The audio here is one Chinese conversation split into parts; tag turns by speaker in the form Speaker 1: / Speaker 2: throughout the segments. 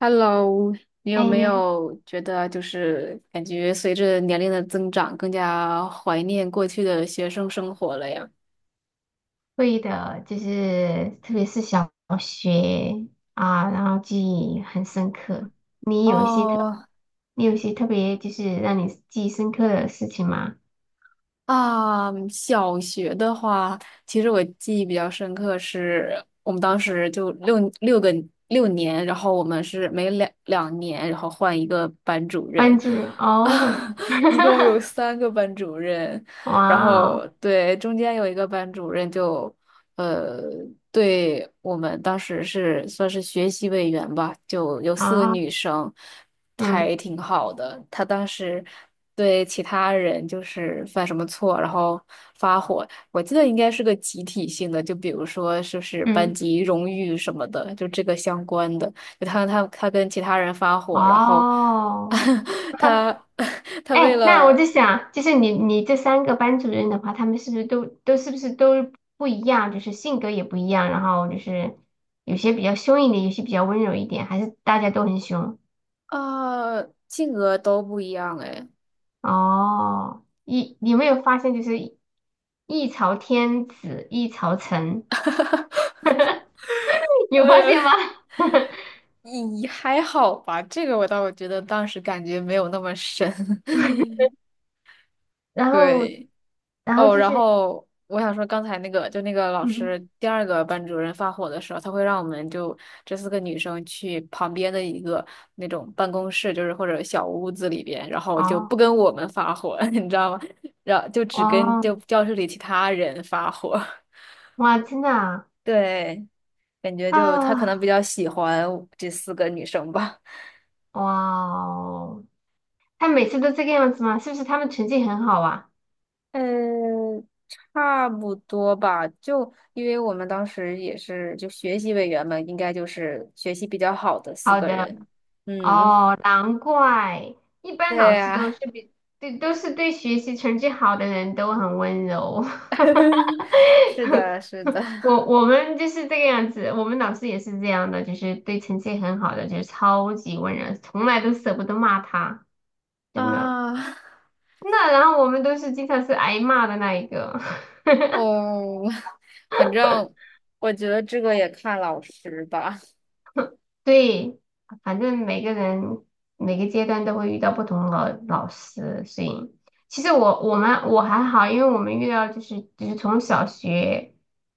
Speaker 1: Hello，你有
Speaker 2: 哎，
Speaker 1: 没
Speaker 2: 你还
Speaker 1: 有觉得就是感觉随着年龄的增长，更加怀念过去的学生生活了呀？
Speaker 2: 会的，就是特别是小学啊，然后记忆很深刻。你有一些特，
Speaker 1: 哦。
Speaker 2: 你有一些特别就是让你记忆深刻的事情吗？
Speaker 1: 啊，小学的话，其实我记忆比较深刻是，我们当时就六年，然后我们是每两年，然后换一个班主任，
Speaker 2: 班主任哦，
Speaker 1: 啊，一共有三个班主任，
Speaker 2: 哇
Speaker 1: 然
Speaker 2: 哦
Speaker 1: 后对，中间有一个班主任就，呃，对我们当时是算是学习委员吧，就有四个
Speaker 2: 啊，
Speaker 1: 女生，
Speaker 2: 嗯
Speaker 1: 还挺好的。她当时对其他人就是犯什么错，然后发火，我记得应该是个集体性的，就比如说是不是班
Speaker 2: 嗯
Speaker 1: 级荣誉什么的，就这个相关的。他跟其他人发火，然后
Speaker 2: 哦，
Speaker 1: 他 他为
Speaker 2: 哎，那我
Speaker 1: 了
Speaker 2: 在想，就是你这三个班主任的话，他们是不是都不一样，就是性格也不一样，然后就是有些比较凶一点，有些比较温柔一点，还是大家都很凶？
Speaker 1: 啊，性格都不一样哎。
Speaker 2: 哦，你有没有发现就是一朝天子一朝臣，有发
Speaker 1: 呃，
Speaker 2: 现吗？
Speaker 1: 也还好吧，这个我倒觉得当时感觉没有那么深，
Speaker 2: 然后
Speaker 1: 对。
Speaker 2: 然后
Speaker 1: 哦，
Speaker 2: 就
Speaker 1: 然
Speaker 2: 是
Speaker 1: 后我想说，刚才那个就那个老
Speaker 2: 嗯，
Speaker 1: 师第二个班主任发火的时候，他会让我们就这四个女生去旁边的一个那种办公室，就是或者小屋子里边，然后就不
Speaker 2: 哦
Speaker 1: 跟我们发火，你知道吗？然后就只跟
Speaker 2: 哦，
Speaker 1: 就教室里其他人发火。
Speaker 2: 哇，真的啊？
Speaker 1: 对，感觉就他可
Speaker 2: 啊，
Speaker 1: 能比较喜欢这四个女生吧。
Speaker 2: 哇哦，他每次都这个样子吗？是不是他们成绩很好啊？
Speaker 1: 嗯，差不多吧。就因为我们当时也是就学习委员们，应该就是学习比较好的四
Speaker 2: 好
Speaker 1: 个
Speaker 2: 的，
Speaker 1: 人。嗯，
Speaker 2: 哦，难怪，一般
Speaker 1: 对
Speaker 2: 老师都是
Speaker 1: 呀，
Speaker 2: 比对，都是对学习成绩好的人都很温柔。
Speaker 1: 是的，是的。
Speaker 2: 我们就是这个样子，我们老师也是这样的，就是对成绩很好的，就是超级温柔，从来都舍不得骂他，真的。
Speaker 1: 啊，
Speaker 2: 那然后我们都是经常是挨骂的那一个。
Speaker 1: 哦，反正我觉得这个也看老师吧。
Speaker 2: 对，反正每个人每个阶段都会遇到不同老师，所以其实我还好，因为我们遇到就是从小学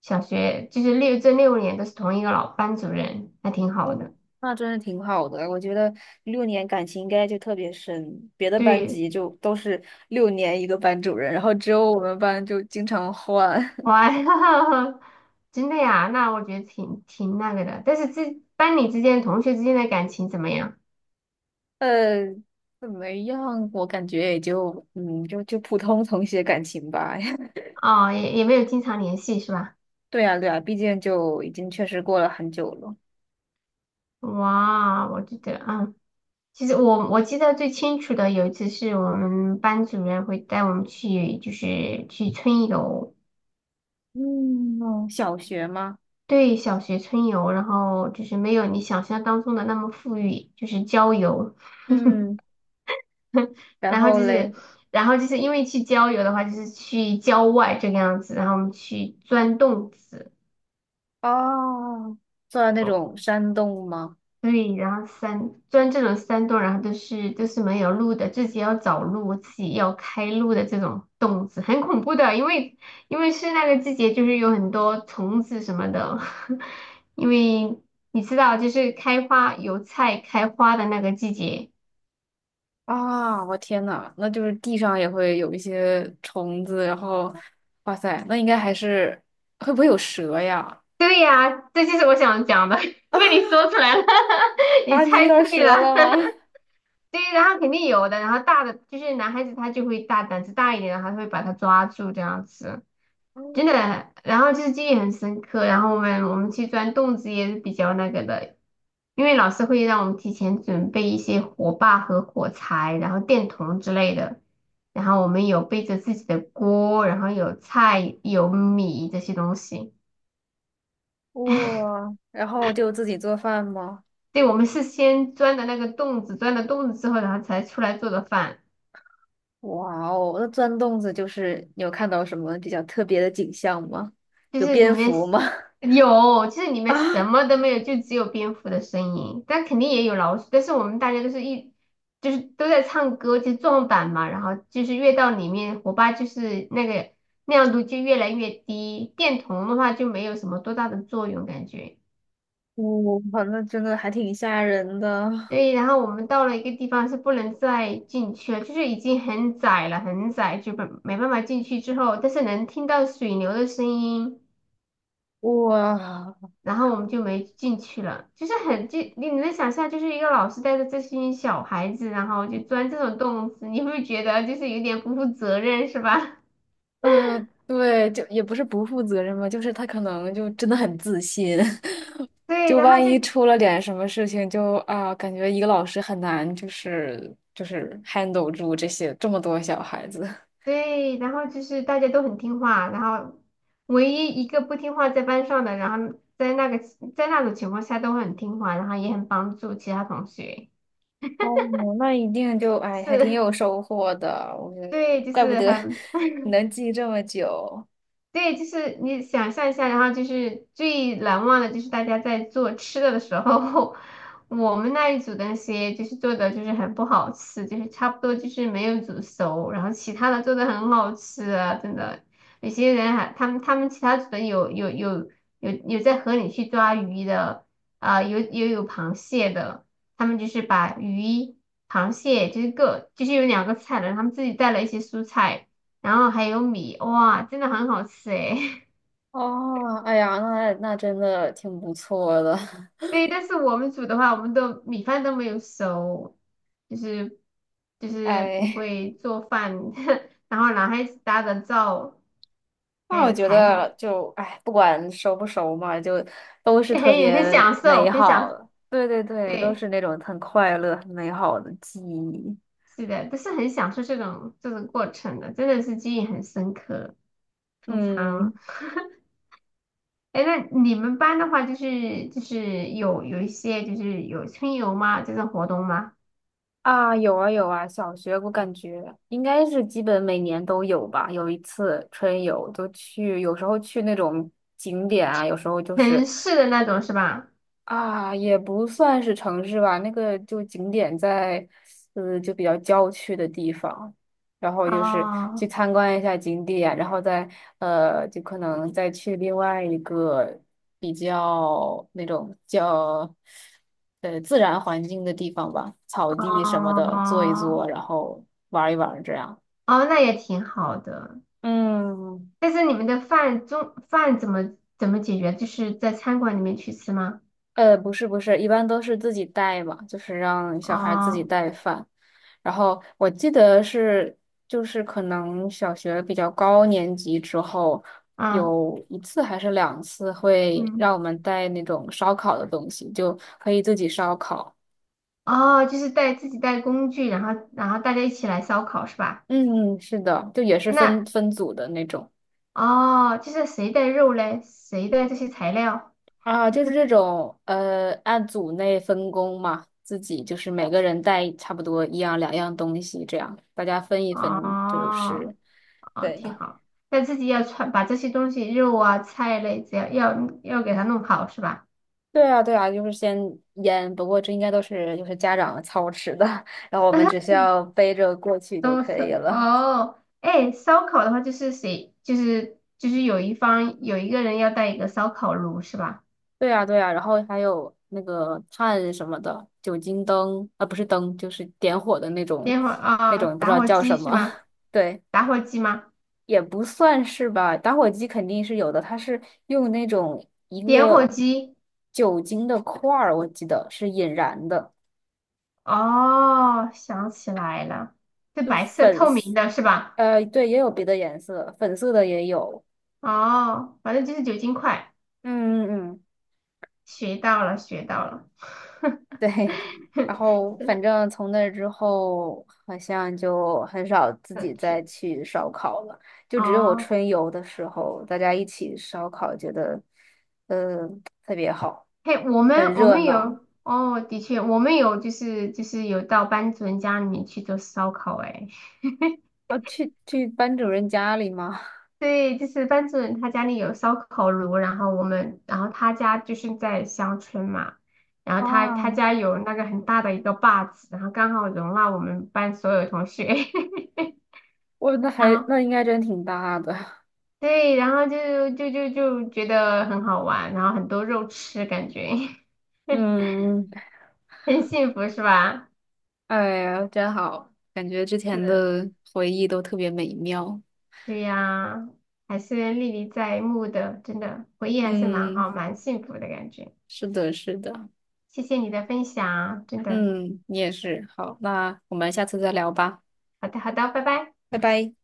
Speaker 2: 小学就是这六年都是同一个老班主任，还挺好
Speaker 1: 哦，
Speaker 2: 的。
Speaker 1: 那真是挺好的，我觉得六年感情应该就特别深，别的班
Speaker 2: 对，
Speaker 1: 级就都是六年一个班主任，然后只有我们班就经常换。
Speaker 2: 哇，真的呀，那我觉得挺那个的。但是这班里之间同学之间的感情怎么样？
Speaker 1: 呃，怎么样？我感觉也就，嗯，就普通同学感情吧。
Speaker 2: 哦，也没有经常联系是吧？
Speaker 1: 对呀，对呀，毕竟就已经确实过了很久了。
Speaker 2: 哇，我觉得啊，其实我记得最清楚的有一次是我们班主任会带我们去，就是去春游，
Speaker 1: 嗯，哦小学吗？
Speaker 2: 对，小学春游，然后就是没有你想象当中的那么富裕，就是郊游，
Speaker 1: 嗯，然
Speaker 2: 然后
Speaker 1: 后
Speaker 2: 就是，
Speaker 1: 嘞，
Speaker 2: 然后就是因为去郊游的话，就是去郊外这个样子，然后我们去钻洞子。
Speaker 1: 哦，坐在那种山洞吗？
Speaker 2: 对，然后山，钻这种山洞，然后都是没有路的，自己要找路，自己要开路的这种洞子，很恐怖的，因为是那个季节，就是有很多虫子什么的，因为你知道，就是油菜开花的那个季节。
Speaker 1: 啊，我天呐，那就是地上也会有一些虫子，然后，哇塞，那应该还是会不会有蛇呀？
Speaker 2: 对呀，这就是我想讲的，被你 说出来了，你
Speaker 1: 啊，你遇
Speaker 2: 猜
Speaker 1: 到
Speaker 2: 对了。
Speaker 1: 蛇了吗？
Speaker 2: 对，然后肯定有的，然后大的就是男孩子他就会大胆子大一点，然后他会把它抓住这样子。真
Speaker 1: 哦，
Speaker 2: 的，然后就是记忆很深刻。然后我们去钻洞子也是比较那个的，因为老师会让我们提前准备一些火把和火柴，然后电筒之类的。然后我们有背着自己的锅，然后有菜、有米这些东西。
Speaker 1: 哇，然后就自己做饭吗？
Speaker 2: 对，我们是先钻的那个洞子，钻了洞子之后，然后才出来做的饭。
Speaker 1: 哇哦，那钻洞子就是你有看到什么比较特别的景象吗？
Speaker 2: 就
Speaker 1: 有
Speaker 2: 是里
Speaker 1: 蝙
Speaker 2: 面
Speaker 1: 蝠吗？
Speaker 2: 有，就是里面
Speaker 1: 啊，
Speaker 2: 什么都没有，就只有蝙蝠的声音，但肯定也有老鼠。但是我们大家都是一，就是都在唱歌，就撞板嘛。然后就是越到里面，火把就是那个亮度就越来越低，电筒的话就没有什么多大的作用感觉。
Speaker 1: 我好像真的还挺吓人的。
Speaker 2: 对，然后我们到了一个地方是不能再进去了，就是已经很窄了，很窄，就没办法进去之后，但是能听到水流的声音。
Speaker 1: 哇，
Speaker 2: 然后我们就没进去了，就是你能想象，就是一个老师带着这些小孩子，然后就钻这种洞子，你会不会觉得就是有点不负责任，是吧？
Speaker 1: 嗯，对，就也不是不负责任吧，就是他可能就真的很自信，
Speaker 2: 对，
Speaker 1: 就
Speaker 2: 然后
Speaker 1: 万
Speaker 2: 就
Speaker 1: 一出了点什么事情就，啊，感觉一个老师很难，就是 handle 住这些这么多小孩子。
Speaker 2: 对，然后就是大家都很听话，然后唯一一个不听话在班上的，然后在那种情况下都很听话，然后也很帮助其他同学，
Speaker 1: 哦，那一定就，哎，还挺
Speaker 2: 是，
Speaker 1: 有收获的，我觉 得，
Speaker 2: 对，就
Speaker 1: 怪不
Speaker 2: 是
Speaker 1: 得 你能记这么久。
Speaker 2: 对，就是你想象一下，然后就是最难忘的，就是大家在做吃的的时候，我们那一组的那些就是做的就是很不好吃，就是差不多就是没有煮熟，然后其他的做的很好吃啊，真的。有些人还他们其他组的有在河里去抓鱼的，啊、有螃蟹的，他们就是把鱼、螃蟹就是各就是有两个菜的，然后他们自己带了一些蔬菜。然后还有米，哇，真的很好吃诶。
Speaker 1: 哦，哎呀，那真的挺不错的，
Speaker 2: 对，但是我们煮的话，我们都米饭都没有熟，就是就 是不
Speaker 1: 哎，
Speaker 2: 会做饭，然后男孩子搭的灶，
Speaker 1: 那
Speaker 2: 还
Speaker 1: 我
Speaker 2: 有
Speaker 1: 觉
Speaker 2: 裁
Speaker 1: 得
Speaker 2: 缝，
Speaker 1: 就，哎，不管熟不熟嘛，就都是特
Speaker 2: 很很
Speaker 1: 别
Speaker 2: 享受，
Speaker 1: 美好的，对对对，都
Speaker 2: 对，
Speaker 1: 是那种很快乐、很美好的记忆。
Speaker 2: 是的，都是很享受这种过程的，真的是记忆很深刻。平
Speaker 1: 嗯。
Speaker 2: 常，哎，那你们班的话，就是有一些就是有春游吗？这种活动吗？
Speaker 1: 啊，有啊有啊，小学我感觉应该是基本每年都有吧，有一次春游就去，有时候去那种景点啊，有时候就是。
Speaker 2: 城市的那种是吧？
Speaker 1: 啊，也不算是城市吧，那个就景点在，就比较郊区的地方，然后就是去
Speaker 2: 哦
Speaker 1: 参观一下景点，然后再就可能再去另外一个比较那种叫自然环境的地方吧，草地什么的坐一坐，
Speaker 2: 哦
Speaker 1: 然后玩一玩这样。
Speaker 2: 哦，那也挺好的。
Speaker 1: 嗯，
Speaker 2: 但是你们的中饭怎么解决？就是在餐馆里面去吃吗？
Speaker 1: 不是不是，一般都是自己带嘛，就是让小孩自己
Speaker 2: 哦，
Speaker 1: 带饭。然后我记得是，就是可能小学比较高年级之后，
Speaker 2: 嗯
Speaker 1: 有一次还是两次会
Speaker 2: 嗯，
Speaker 1: 让我们带那种烧烤的东西，就可以自己烧烤。
Speaker 2: 哦，就是带自己带工具，然后大家一起来烧烤是吧？
Speaker 1: 嗯，嗯是的，就也是分
Speaker 2: 那
Speaker 1: 分组的那种。
Speaker 2: 哦，就是谁带肉嘞？谁带这些材料？
Speaker 1: 啊，就是这种按组内分工嘛，自己就是每个人带差不多一样两样东西，这样大家分一分，就
Speaker 2: 哦
Speaker 1: 是
Speaker 2: 哦，
Speaker 1: 对。
Speaker 2: 挺好。但自己要穿，把这些东西肉啊菜类，只要给它弄好是吧？
Speaker 1: 对啊，对啊，就是先腌，不过这应该都是就是家长操持的，然后我们只 需要背着过去就
Speaker 2: 都
Speaker 1: 可以
Speaker 2: 是
Speaker 1: 了。
Speaker 2: 哦，哎，烧烤的话就是谁，就是有一个人要带一个烧烤炉是吧？
Speaker 1: 对啊，对啊，然后还有那个炭什么的，酒精灯啊，不是灯，就是点火的那种，
Speaker 2: 点火
Speaker 1: 那
Speaker 2: 啊、
Speaker 1: 种不知
Speaker 2: 打
Speaker 1: 道
Speaker 2: 火
Speaker 1: 叫
Speaker 2: 机
Speaker 1: 什
Speaker 2: 是
Speaker 1: 么，
Speaker 2: 吗？
Speaker 1: 对，
Speaker 2: 打火机吗？
Speaker 1: 也不算是吧，打火机肯定是有的，它是用那种一
Speaker 2: 点火
Speaker 1: 个
Speaker 2: 机，
Speaker 1: 酒精的块儿，我记得是引燃的，
Speaker 2: 哦，想起来了，是白色透明的是吧？
Speaker 1: 对，也有别的颜色，粉色的也有，
Speaker 2: 哦，反正就是酒精块，
Speaker 1: 嗯嗯嗯。
Speaker 2: 学到了，学到了，
Speaker 1: 对，然后反
Speaker 2: 是，
Speaker 1: 正从那之后，好像就很少自
Speaker 2: 那
Speaker 1: 己再
Speaker 2: 去，
Speaker 1: 去烧烤了，就只有
Speaker 2: 哦。
Speaker 1: 春游的时候，大家一起烧烤，觉得呃特别好，
Speaker 2: 嘿，我们
Speaker 1: 很
Speaker 2: 我
Speaker 1: 热
Speaker 2: 们
Speaker 1: 闹。
Speaker 2: 有哦，的确，我们有就是有到班主任家里面去做烧烤，哎，
Speaker 1: 啊，去班主任家里吗？
Speaker 2: 对，就是班主任他家里有烧烤炉，然后我们然后他家就是在乡村嘛，然后他他
Speaker 1: 啊，
Speaker 2: 家有那个很大的一个坝子，然后刚好容纳我们班所有同学，
Speaker 1: 我那
Speaker 2: 然
Speaker 1: 还
Speaker 2: 后
Speaker 1: 那应该真挺大的。
Speaker 2: 对，然后就就就就觉得很好玩，然后很多肉吃，感觉
Speaker 1: 嗯，
Speaker 2: 很幸福，是吧？
Speaker 1: 哎呀，真好，感觉之前
Speaker 2: 是。
Speaker 1: 的回忆都特别美妙。
Speaker 2: 对呀，还是历历在目的，真的回忆还是蛮
Speaker 1: 嗯，
Speaker 2: 好，蛮幸福的感觉。
Speaker 1: 是的，是的。
Speaker 2: 谢谢你的分享，真的。
Speaker 1: 嗯，你也是。好，那我们下次再聊吧，
Speaker 2: 好的，好的，拜拜。
Speaker 1: 拜拜。